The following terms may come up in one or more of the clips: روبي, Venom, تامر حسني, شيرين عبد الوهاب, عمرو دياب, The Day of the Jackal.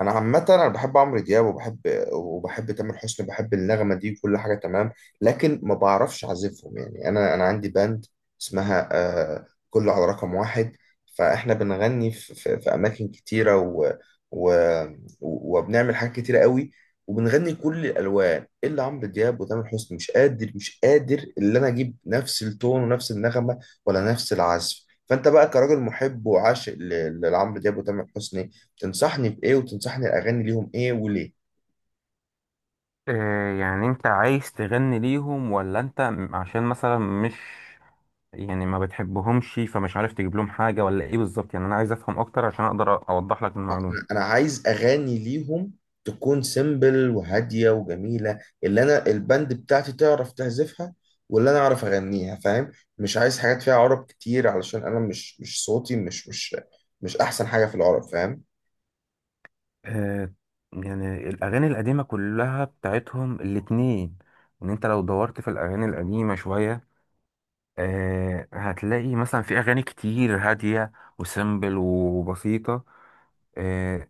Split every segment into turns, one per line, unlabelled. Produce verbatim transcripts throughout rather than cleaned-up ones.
انا عامه انا بحب عمرو دياب وبحب وبحب تامر حسني بحب النغمه دي وكل حاجه تمام. لكن ما بعرفش اعزفهم، يعني انا انا عندي باند اسمها آه كله على رقم واحد. فاحنا بنغني في, في, في اماكن كتيره و و وبنعمل حاجات كتيره قوي، وبنغني كل الالوان الا عمرو دياب وتامر حسني. مش قادر مش قادر ان انا اجيب نفس التون ونفس النغمه ولا نفس العزف. فانت بقى كراجل محب وعاشق ل- لعمرو دياب وتامر حسني، تنصحني بإيه وتنصحني أغاني ليهم إيه وليه؟
آه، يعني انت عايز تغني ليهم ولا انت م- عشان مثلا مش يعني ما بتحبهمش فمش عارف تجيب لهم حاجة ولا ايه بالظبط؟ يعني انا عايز افهم اكتر عشان اقدر أ- اوضح لك المعلومة.
أنا عايز أغاني ليهم تكون سيمبل وهادية وجميلة، اللي أنا البند بتاعتي تعرف تعزفها واللي أنا أعرف أغنيها، فاهم؟ مش عايز حاجات فيها عرب كتير، علشان أنا مش مش صوتي مش مش مش أحسن حاجة في العرب، فاهم؟
آه، يعني الأغاني القديمة كلها بتاعتهم الاتنين، إن أنت لو دورت في الأغاني القديمة شوية آه هتلاقي مثلا في أغاني كتير هادية وسيمبل وبسيطة، آه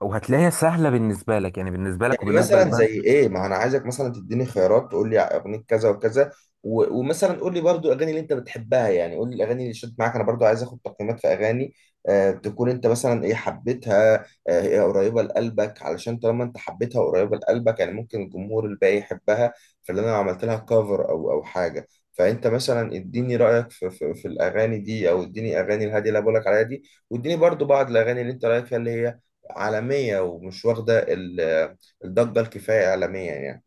وهتلاقيها سهلة بالنسبة لك، يعني بالنسبة لك
يعني
وبالنسبة.
مثلا زي ايه، ما انا عايزك مثلا تديني خيارات، تقول لي اغنيه كذا وكذا، و- ومثلا قول لي برضو الاغاني اللي انت بتحبها، يعني قول لي الاغاني اللي شدت معاك. انا برضو عايز اخد تقييمات في اغاني آه، تكون انت مثلا ايه حبيتها، آه هي قريبه لقلبك. علشان طالما انت حبيتها وقريبه لقلبك، يعني ممكن الجمهور الباقي يحبها، فاللي انا عملت لها كفر او او حاجه. فانت مثلا اديني رايك في, في, في الاغاني دي، او اديني اغاني الهاديه اللي أنا بقولك عليها دي، واديني برضو بعض الاغاني اللي انت رايك فيها اللي هي عالميه ومش واخده الضجة الكفاية إعلاميا يعني.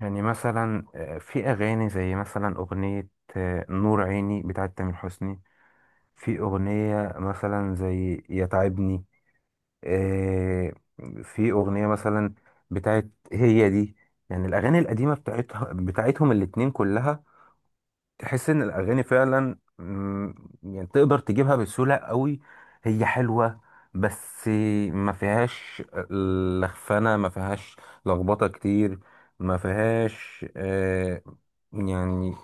يعني مثلا آه، في أغاني زي مثلا أغنية آه، نور عيني بتاعت تامر حسني، في أغنية مثلا زي يا تعبني، آه، في أغنية مثلا بتاعت هي دي. يعني الأغاني القديمة بتاعتها بتاعتهم الاتنين كلها، تحس ان الاغاني فعلا، مم، يعني تقدر تجيبها بسهوله قوي. هي حلوه بس ما فيهاش لخفنه، ما فيهاش لخبطه كتير، ما فيهاش آه يعني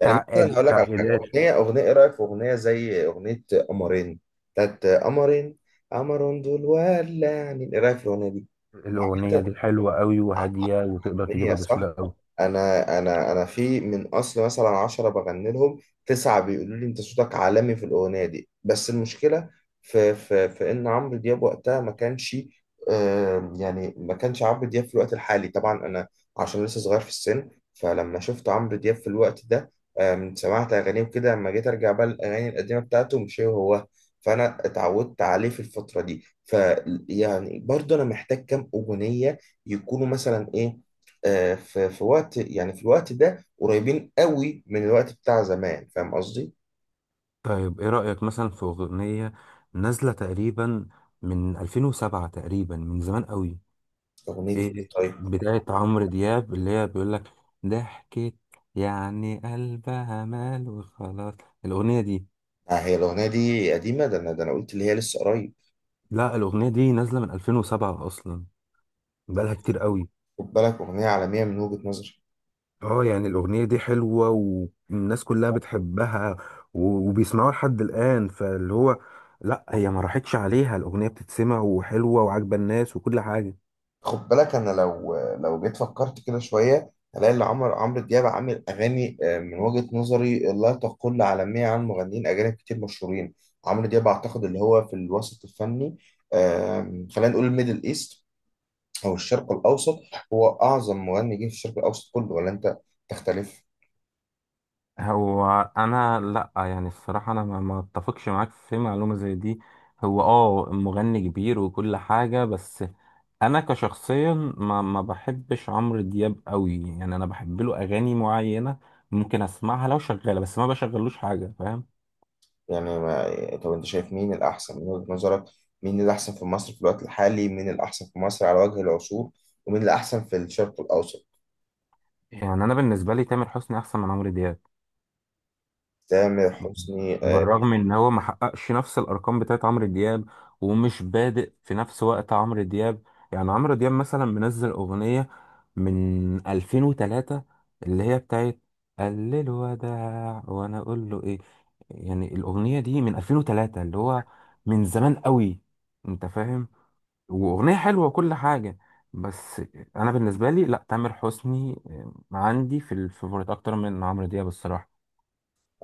يعني صح، مثلا
تعقيد،
هقول لك على صح حاجة،
تعقيدات.
أغنية أغنية إيه رأيك في أغنية زي أغنية قمرين، بتاعت قمرين قمر دول ولعني، إيه رأيك في الأغنية دي؟
الاغنيه دي حلوه قوي وهاديه وتقدر
عالمية
تجيبها
صح؟
بسهوله قوي.
انا انا انا في من اصل مثلا عشرة بغني لهم، تسعة بيقولوا لي انت صوتك عالمي في الاغنية دي. بس المشكلة في في في ان عمرو دياب وقتها ما كانش، آم، يعني ما كانش عمرو دياب في الوقت الحالي. طبعا انا عشان لسه صغير في السن، فلما شفت عمرو دياب في الوقت ده، آم، سمعت اغانيه كده، لما جيت ارجع بقى الاغاني القديمة بتاعته مش هو هو. فانا اتعودت عليه في الفترة دي، ف يعني برضه انا محتاج كام اغنية يكونوا مثلا ايه، آه، في في وقت، يعني في الوقت ده قريبين قوي من الوقت بتاع زمان، فاهم قصدي؟
طيب ايه رايك مثلا في اغنيه نازله تقريبا من ألفين وسبعة تقريبا، من زمان قوي،
اغنيه إيه؟
ايه
طيب.
بتاعت عمرو دياب اللي هي بيقول لك ضحكت، يعني قلبها مال وخلاص، الاغنيه دي.
آه، هي الاغنيه دي قديمه، ده انا ده انا قلت اللي هي لسه قريب.
لا، الاغنيه دي نازله من ألفين وسبعة اصلا، بقالها كتير قوي.
خد بالك اغنيه عالميه من وجهه نظري.
اه، يعني الاغنيه دي حلوه والناس كلها بتحبها و- وبيسمعوها لحد الان، فاللي هو لا هي ما راحتش عليها، الاغنيه بتتسمع وحلوه وعاجبه الناس وكل حاجه.
خد بالك، انا لو لو جيت فكرت كده شويه، هلاقي ان عمرو عمرو دياب عامل اغاني، آه، من وجهه نظري، لا تقل عالميه عن مغنيين اجانب كتير مشهورين. عمرو دياب اعتقد اللي هو في الوسط الفني، آم، خلينا نقول الميدل ايست، هو الشرق الأوسط، هو أعظم مغني جه في الشرق الأوسط كله، ولا أنت تختلف؟
هو انا لا، يعني الصراحه انا ما ما اتفقش معاك في معلومه زي دي. هو اه مغني كبير وكل حاجه، بس انا كشخصيا ما ما بحبش عمرو دياب قوي. يعني انا بحب له اغاني معينه، ممكن اسمعها لو شغاله، بس ما بشغلوش حاجه، فاهم.
يعني ما... طب أنت شايف مين الأحسن من وجهة نظرك؟ مين الأحسن في مصر في الوقت الحالي؟ مين الأحسن في مصر على وجه العصور؟ ومين الأحسن في الشرق الأوسط؟
يعني انا بالنسبه لي تامر حسني احسن من عمرو دياب،
تامر حسني آه.
بالرغم ان هو ما حققش نفس الارقام بتاعت عمرو دياب، ومش بادئ في نفس وقت عمرو دياب. يعني عمرو دياب مثلا منزل اغنية من ألفين وتلاتة، اللي هي بتاعت قال له الوداع وانا اقول له ايه. يعني الاغنية دي من ألفين وثلاثة اللي هو من زمان قوي، انت فاهم، واغنية حلوة وكل حاجة. بس انا بالنسبة لي لا، تامر حسني آه، عندي في الفيفوريت اكتر من عمرو دياب الصراحة.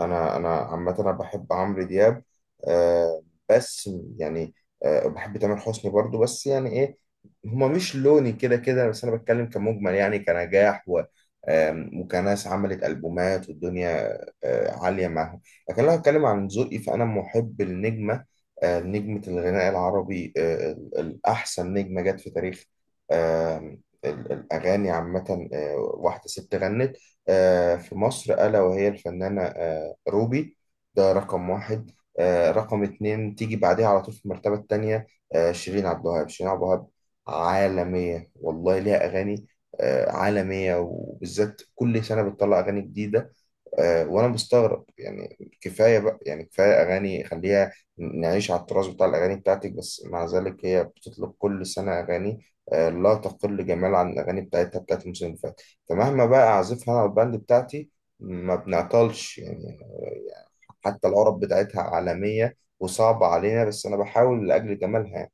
انا انا عامه انا بحب عمرو دياب، آه، بس يعني آه، بحب تامر حسني برضو. بس يعني ايه، هما مش لوني كده كده. بس انا بتكلم كمجمل، يعني كنجاح و آم، وكناس عملت البومات والدنيا آه عاليه معاهم. لكن لو هتكلم عن ذوقي، فانا محب النجمه، آه، نجمه الغناء العربي، آه ال- الاحسن نجمه جت في تاريخ، آم، ال- الاغاني عامه، آه، واحده ست غنت آه في مصر، ألا وهي الفنانة آه روبي. ده رقم واحد. آه، رقم اتنين تيجي بعدها على طول في المرتبة التانية، آه، شيرين عبد الوهاب. شيرين عبد الوهاب عالمية والله، ليها أغاني آه عالمية، وبالذات كل سنة بتطلع أغاني جديدة. آه، وانا مستغرب، يعني كفايه بقى يعني كفايه اغاني، خليها نعيش على التراث بتاع الاغاني بتاعتك. بس مع ذلك هي بتطلق كل سنه اغاني، آه، لا تقل جمال عن الاغاني بتاعتها بتاعت الموسم اللي فات. فمهما بقى اعزفها انا والباند بتاعتي، ما بنعطلش يعني، آه، حتى العرب بتاعتها عالميه وصعبه علينا، بس انا بحاول لاجل جمالها يعني.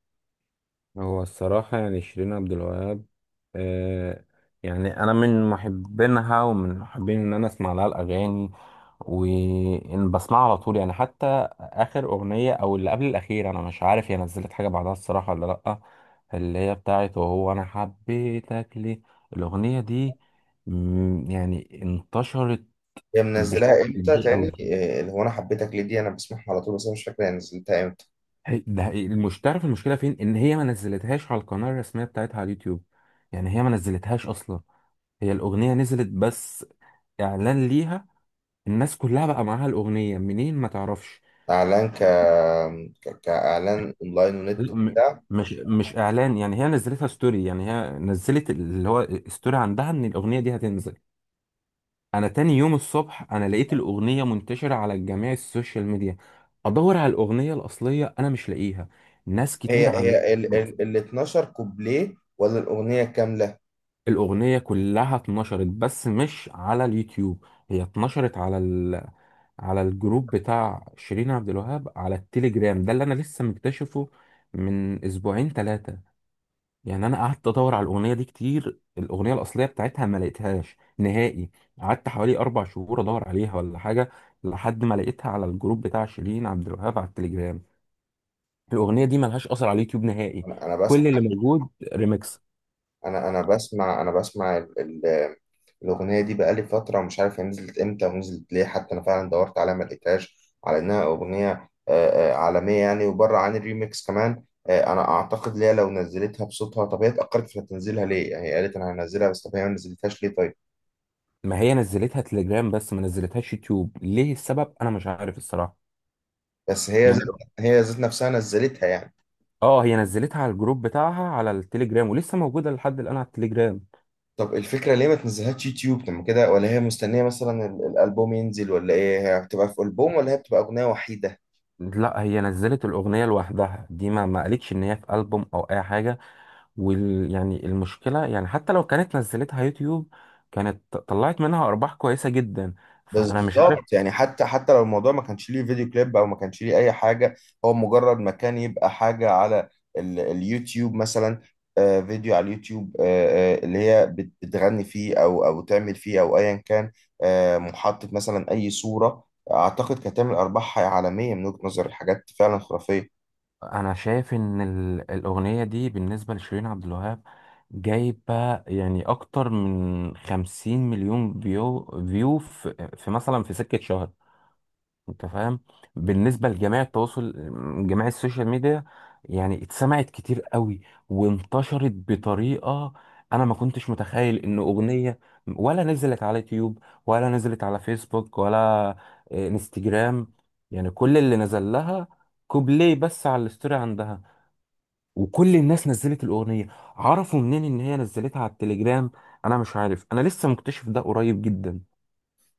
هو الصراحة، يعني شيرين عبد الوهاب، آه يعني أنا من محبينها ومن محبين إن أنا أسمع لها الأغاني، وإن بسمعها على طول، يعني حتى آخر أغنية أو اللي قبل الأخير، أنا مش عارف هي نزلت حاجة بعدها الصراحة ولا لأ، اللي هي بتاعت وهو أنا حبيتك ليه. الأغنية دي، مم، يعني انتشرت
هي
بشكل
منزلاها امتى
كبير
تاني؟
أوي.
آه، اللي هو انا حبيتك ليه دي انا بسمعها على طول، بس انا مش فاكر هي نزلتها امتى.
هي- ده هي- مش تعرف المشكله فين، ان هي ما نزلتهاش على القناه الرسميه بتاعتها على اليوتيوب. يعني هي ما نزلتهاش اصلا، هي الاغنيه نزلت بس اعلان ليها، الناس كلها بقى معاها الاغنيه منين ما تعرفش.
اعلان ك، ك- كاعلان اونلاين ونت
لا، م-
وبتاع؟
مش مش اعلان، يعني هي نزلتها ستوري، يعني هي نزلت اللي هو ستوري عندها ان الاغنيه دي هتنزل. انا تاني يوم الصبح انا لقيت الاغنيه منتشره على جميع السوشيال ميديا، ادور على الاغنيه الاصليه انا مش لاقيها، ناس
هي
كتير عامله.
هي ال ال ال اتناشر كوبليه ولا الاغنيه كامله؟
الأغنية كلها اتنشرت، بس مش على اليوتيوب، هي اتنشرت على ال... على الجروب بتاع شيرين عبد الوهاب على التليجرام، ده اللي أنا لسه مكتشفه من أسبوعين ثلاثة. يعني أنا قعدت أدور على الأغنية دي كتير، الأغنية الأصلية بتاعتها ما لقيتهاش نهائي، قعدت حوالي أربع شهور أدور عليها ولا حاجة، لحد ما لقيتها على الجروب بتاع شيرين عبد الوهاب على التليجرام. الأغنية دي ملهاش أثر على اليوتيوب نهائي،
انا انا
كل
بسمع
اللي موجود ريمكس.
انا انا بسمع، انا بسمع ال ال الاغنيه دي بقالي فتره، ومش عارف هي نزلت امتى ونزلت ليه. حتى انا فعلا دورت عليها ما لقيتهاش، على انها اغنيه آه، آه، عالميه يعني، وبره عن الريميكس كمان. آه، انا اعتقد ليها لو نزلتها بصوتها. طب هي اتاخرت في تنزيلها ليه؟ يعني هي قالت انا هنزلها، بس طب هي ما نزلتهاش ليه؟ طيب.
ما هي نزلتها تليجرام بس ما نزلتهاش يوتيوب، ليه السبب انا مش عارف الصراحه
بس هي
يعني.
ذات هي ذات نفسها نزلتها يعني؟
اه، هي نزلتها على الجروب بتاعها على التليجرام ولسه موجوده لحد الان على التليجرام.
طب الفكرة ليه ما تنزلهاش يوتيوب؟ طب ما كده، ولا هي مستنية مثلا ال- الألبوم ينزل، ولا إيه؟ هي بتبقى في ألبوم ولا هي بتبقى أغنية وحيدة؟
لا، هي نزلت الاغنيه لوحدها دي، ما ما قالتش ان هي في البوم او اي حاجه. وال يعني المشكله، يعني حتى لو كانت نزلتها يوتيوب، كانت ط- طلعت منها ارباح كويسه جدا، فانا مش عارف.
بالظبط، يعني حتى حتى لو الموضوع ما كانش ليه فيديو كليب، أو ما كانش ليه أي حاجة، هو مجرد مكان يبقى حاجة على ال اليوتيوب مثلا، آه، فيديو على اليوتيوب، آه آه اللي هي بت- بتغني فيه، أو أو تعمل فيه، أو أيا كان، آه، محطة مثلا، أي صورة. أعتقد كانت تعمل أرباح عالمية من وجهة نظر الحاجات فعلا خرافية.
انا شايف ان ال- الاغنيه دي بالنسبه لشيرين عبد الوهاب، جايبه يعني اكتر من خمسين مليون فيو، فيو في, في مثلا في سكه شهر، انت فاهم، بالنسبه لجميع التواصل، جميع السوشيال ميديا. يعني اتسمعت كتير قوي، وانتشرت بطريقه، انا ما كنتش متخيل ان اغنيه ولا نزلت على يوتيوب ولا نزلت على فيسبوك ولا آه، انستجرام، يعني كل اللي نزل لها كوبليه بس على الستوري عندها، وكل الناس نزلت الاغنيه، عرفوا منين ان هي نزلتها على التليجرام. انا مش عارف، انا لسه مكتشف ده قريب جدا،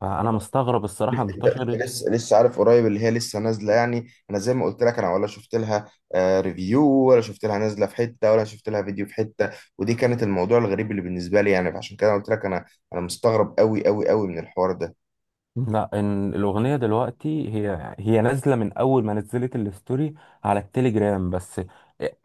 فانا مستغرب الصراحه
لا، انت
انتشرت.
انت لسه لسه عارف قريب اللي هي لسه نازله، يعني انا زي ما قلت لك انا ولا شفت لها آه ريفيو، ولا شفت لها نازله في حته، ولا شفت لها فيديو في حته. ودي كانت الموضوع الغريب اللي بالنسبه لي يعني. فعشان كده قلت لك انا انا مستغرب قوي قوي قوي من الحوار ده.
لا، إن الأغنية دلوقتي هي هي نازلة من أول ما نزلت الستوري على التليجرام بس،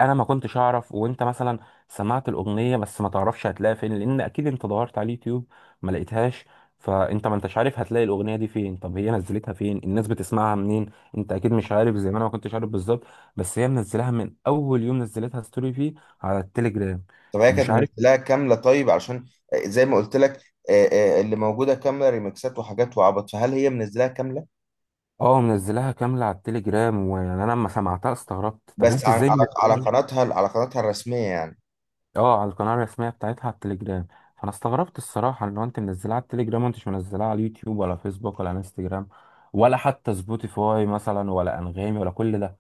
أنا ما كنتش أعرف، وأنت مثلا سمعت الأغنية بس ما تعرفش هتلاقيها فين، لأن أكيد أنت دورت على اليوتيوب ما لقيتهاش، فأنت ما أنتش عارف هتلاقي الأغنية دي فين، طب هي نزلتها فين؟ الناس بتسمعها منين؟ أنت أكيد مش عارف زي ما أنا ما كنتش عارف بالظبط، بس هي منزلها من أول يوم نزلتها ستوري فيه على التليجرام.
طب هي كانت
مش عارف.
منزلاها كامله؟ طيب علشان، آه، زي ما قلت لك، آه، آه، اللي موجوده كامله ريمكسات وحاجات وعبط، فهل هي منزلاها كامله؟
اه، منزلها كاملة على التليجرام، ويعني أنا لما سمعتها استغربت، طب
بس
أنت
على
إزاي
على على
منزلها؟
قناتها، على قناتها الرسميه يعني؟
اه، على القناة الرسمية بتاعتها على التليجرام. فانا استغربت الصراحة ان هو انت منزلها على التليجرام وانتش منزلها على اليوتيوب، ولا فيسبوك، ولا انستجرام، ولا حتى سبوتيفاي مثلا، ولا انغامي، ولا كل ده.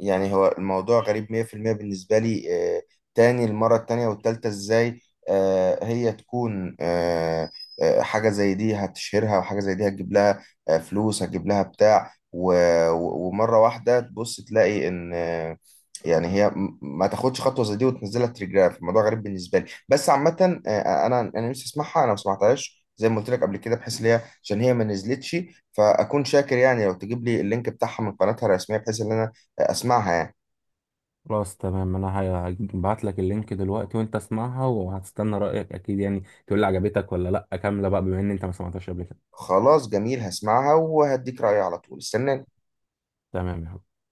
يعني هو الموضوع غريب مية في المية بالنسبة لي. آه، تاني المرة التانية والتالتة ازاي آه هي تكون، آه، آه، حاجة زي دي هتشهرها، وحاجة زي دي هتجيب لها آه فلوس، هتجيب لها بتاع، و- و- ومرة واحدة تبص تلاقي ان، آه، يعني هي م- ما تاخدش خطوة زي دي وتنزلها تليجراف؟ الموضوع غريب بالنسبة لي، بس عامة آه انا انا نفسي اسمعها، انا ما سمعتهاش زي ما قلت لك قبل كده، بحيث ان هي عشان هي ما نزلتش. فاكون شاكر يعني لو تجيب لي اللينك بتاعها من قناتها الرسمية، بحيث ان انا اسمعها يعني.
خلاص، تمام، انا هبعت لك اللينك دلوقتي، وانت اسمعها، وهتستنى رأيك اكيد يعني، تقول لي عجبتك ولا لا، كاملة بقى بما ان انت ما سمعتهاش قبل كده.
خلاص جميل، هسمعها وهديك رأيي على طول، استناني.
تمام يا حبيبي.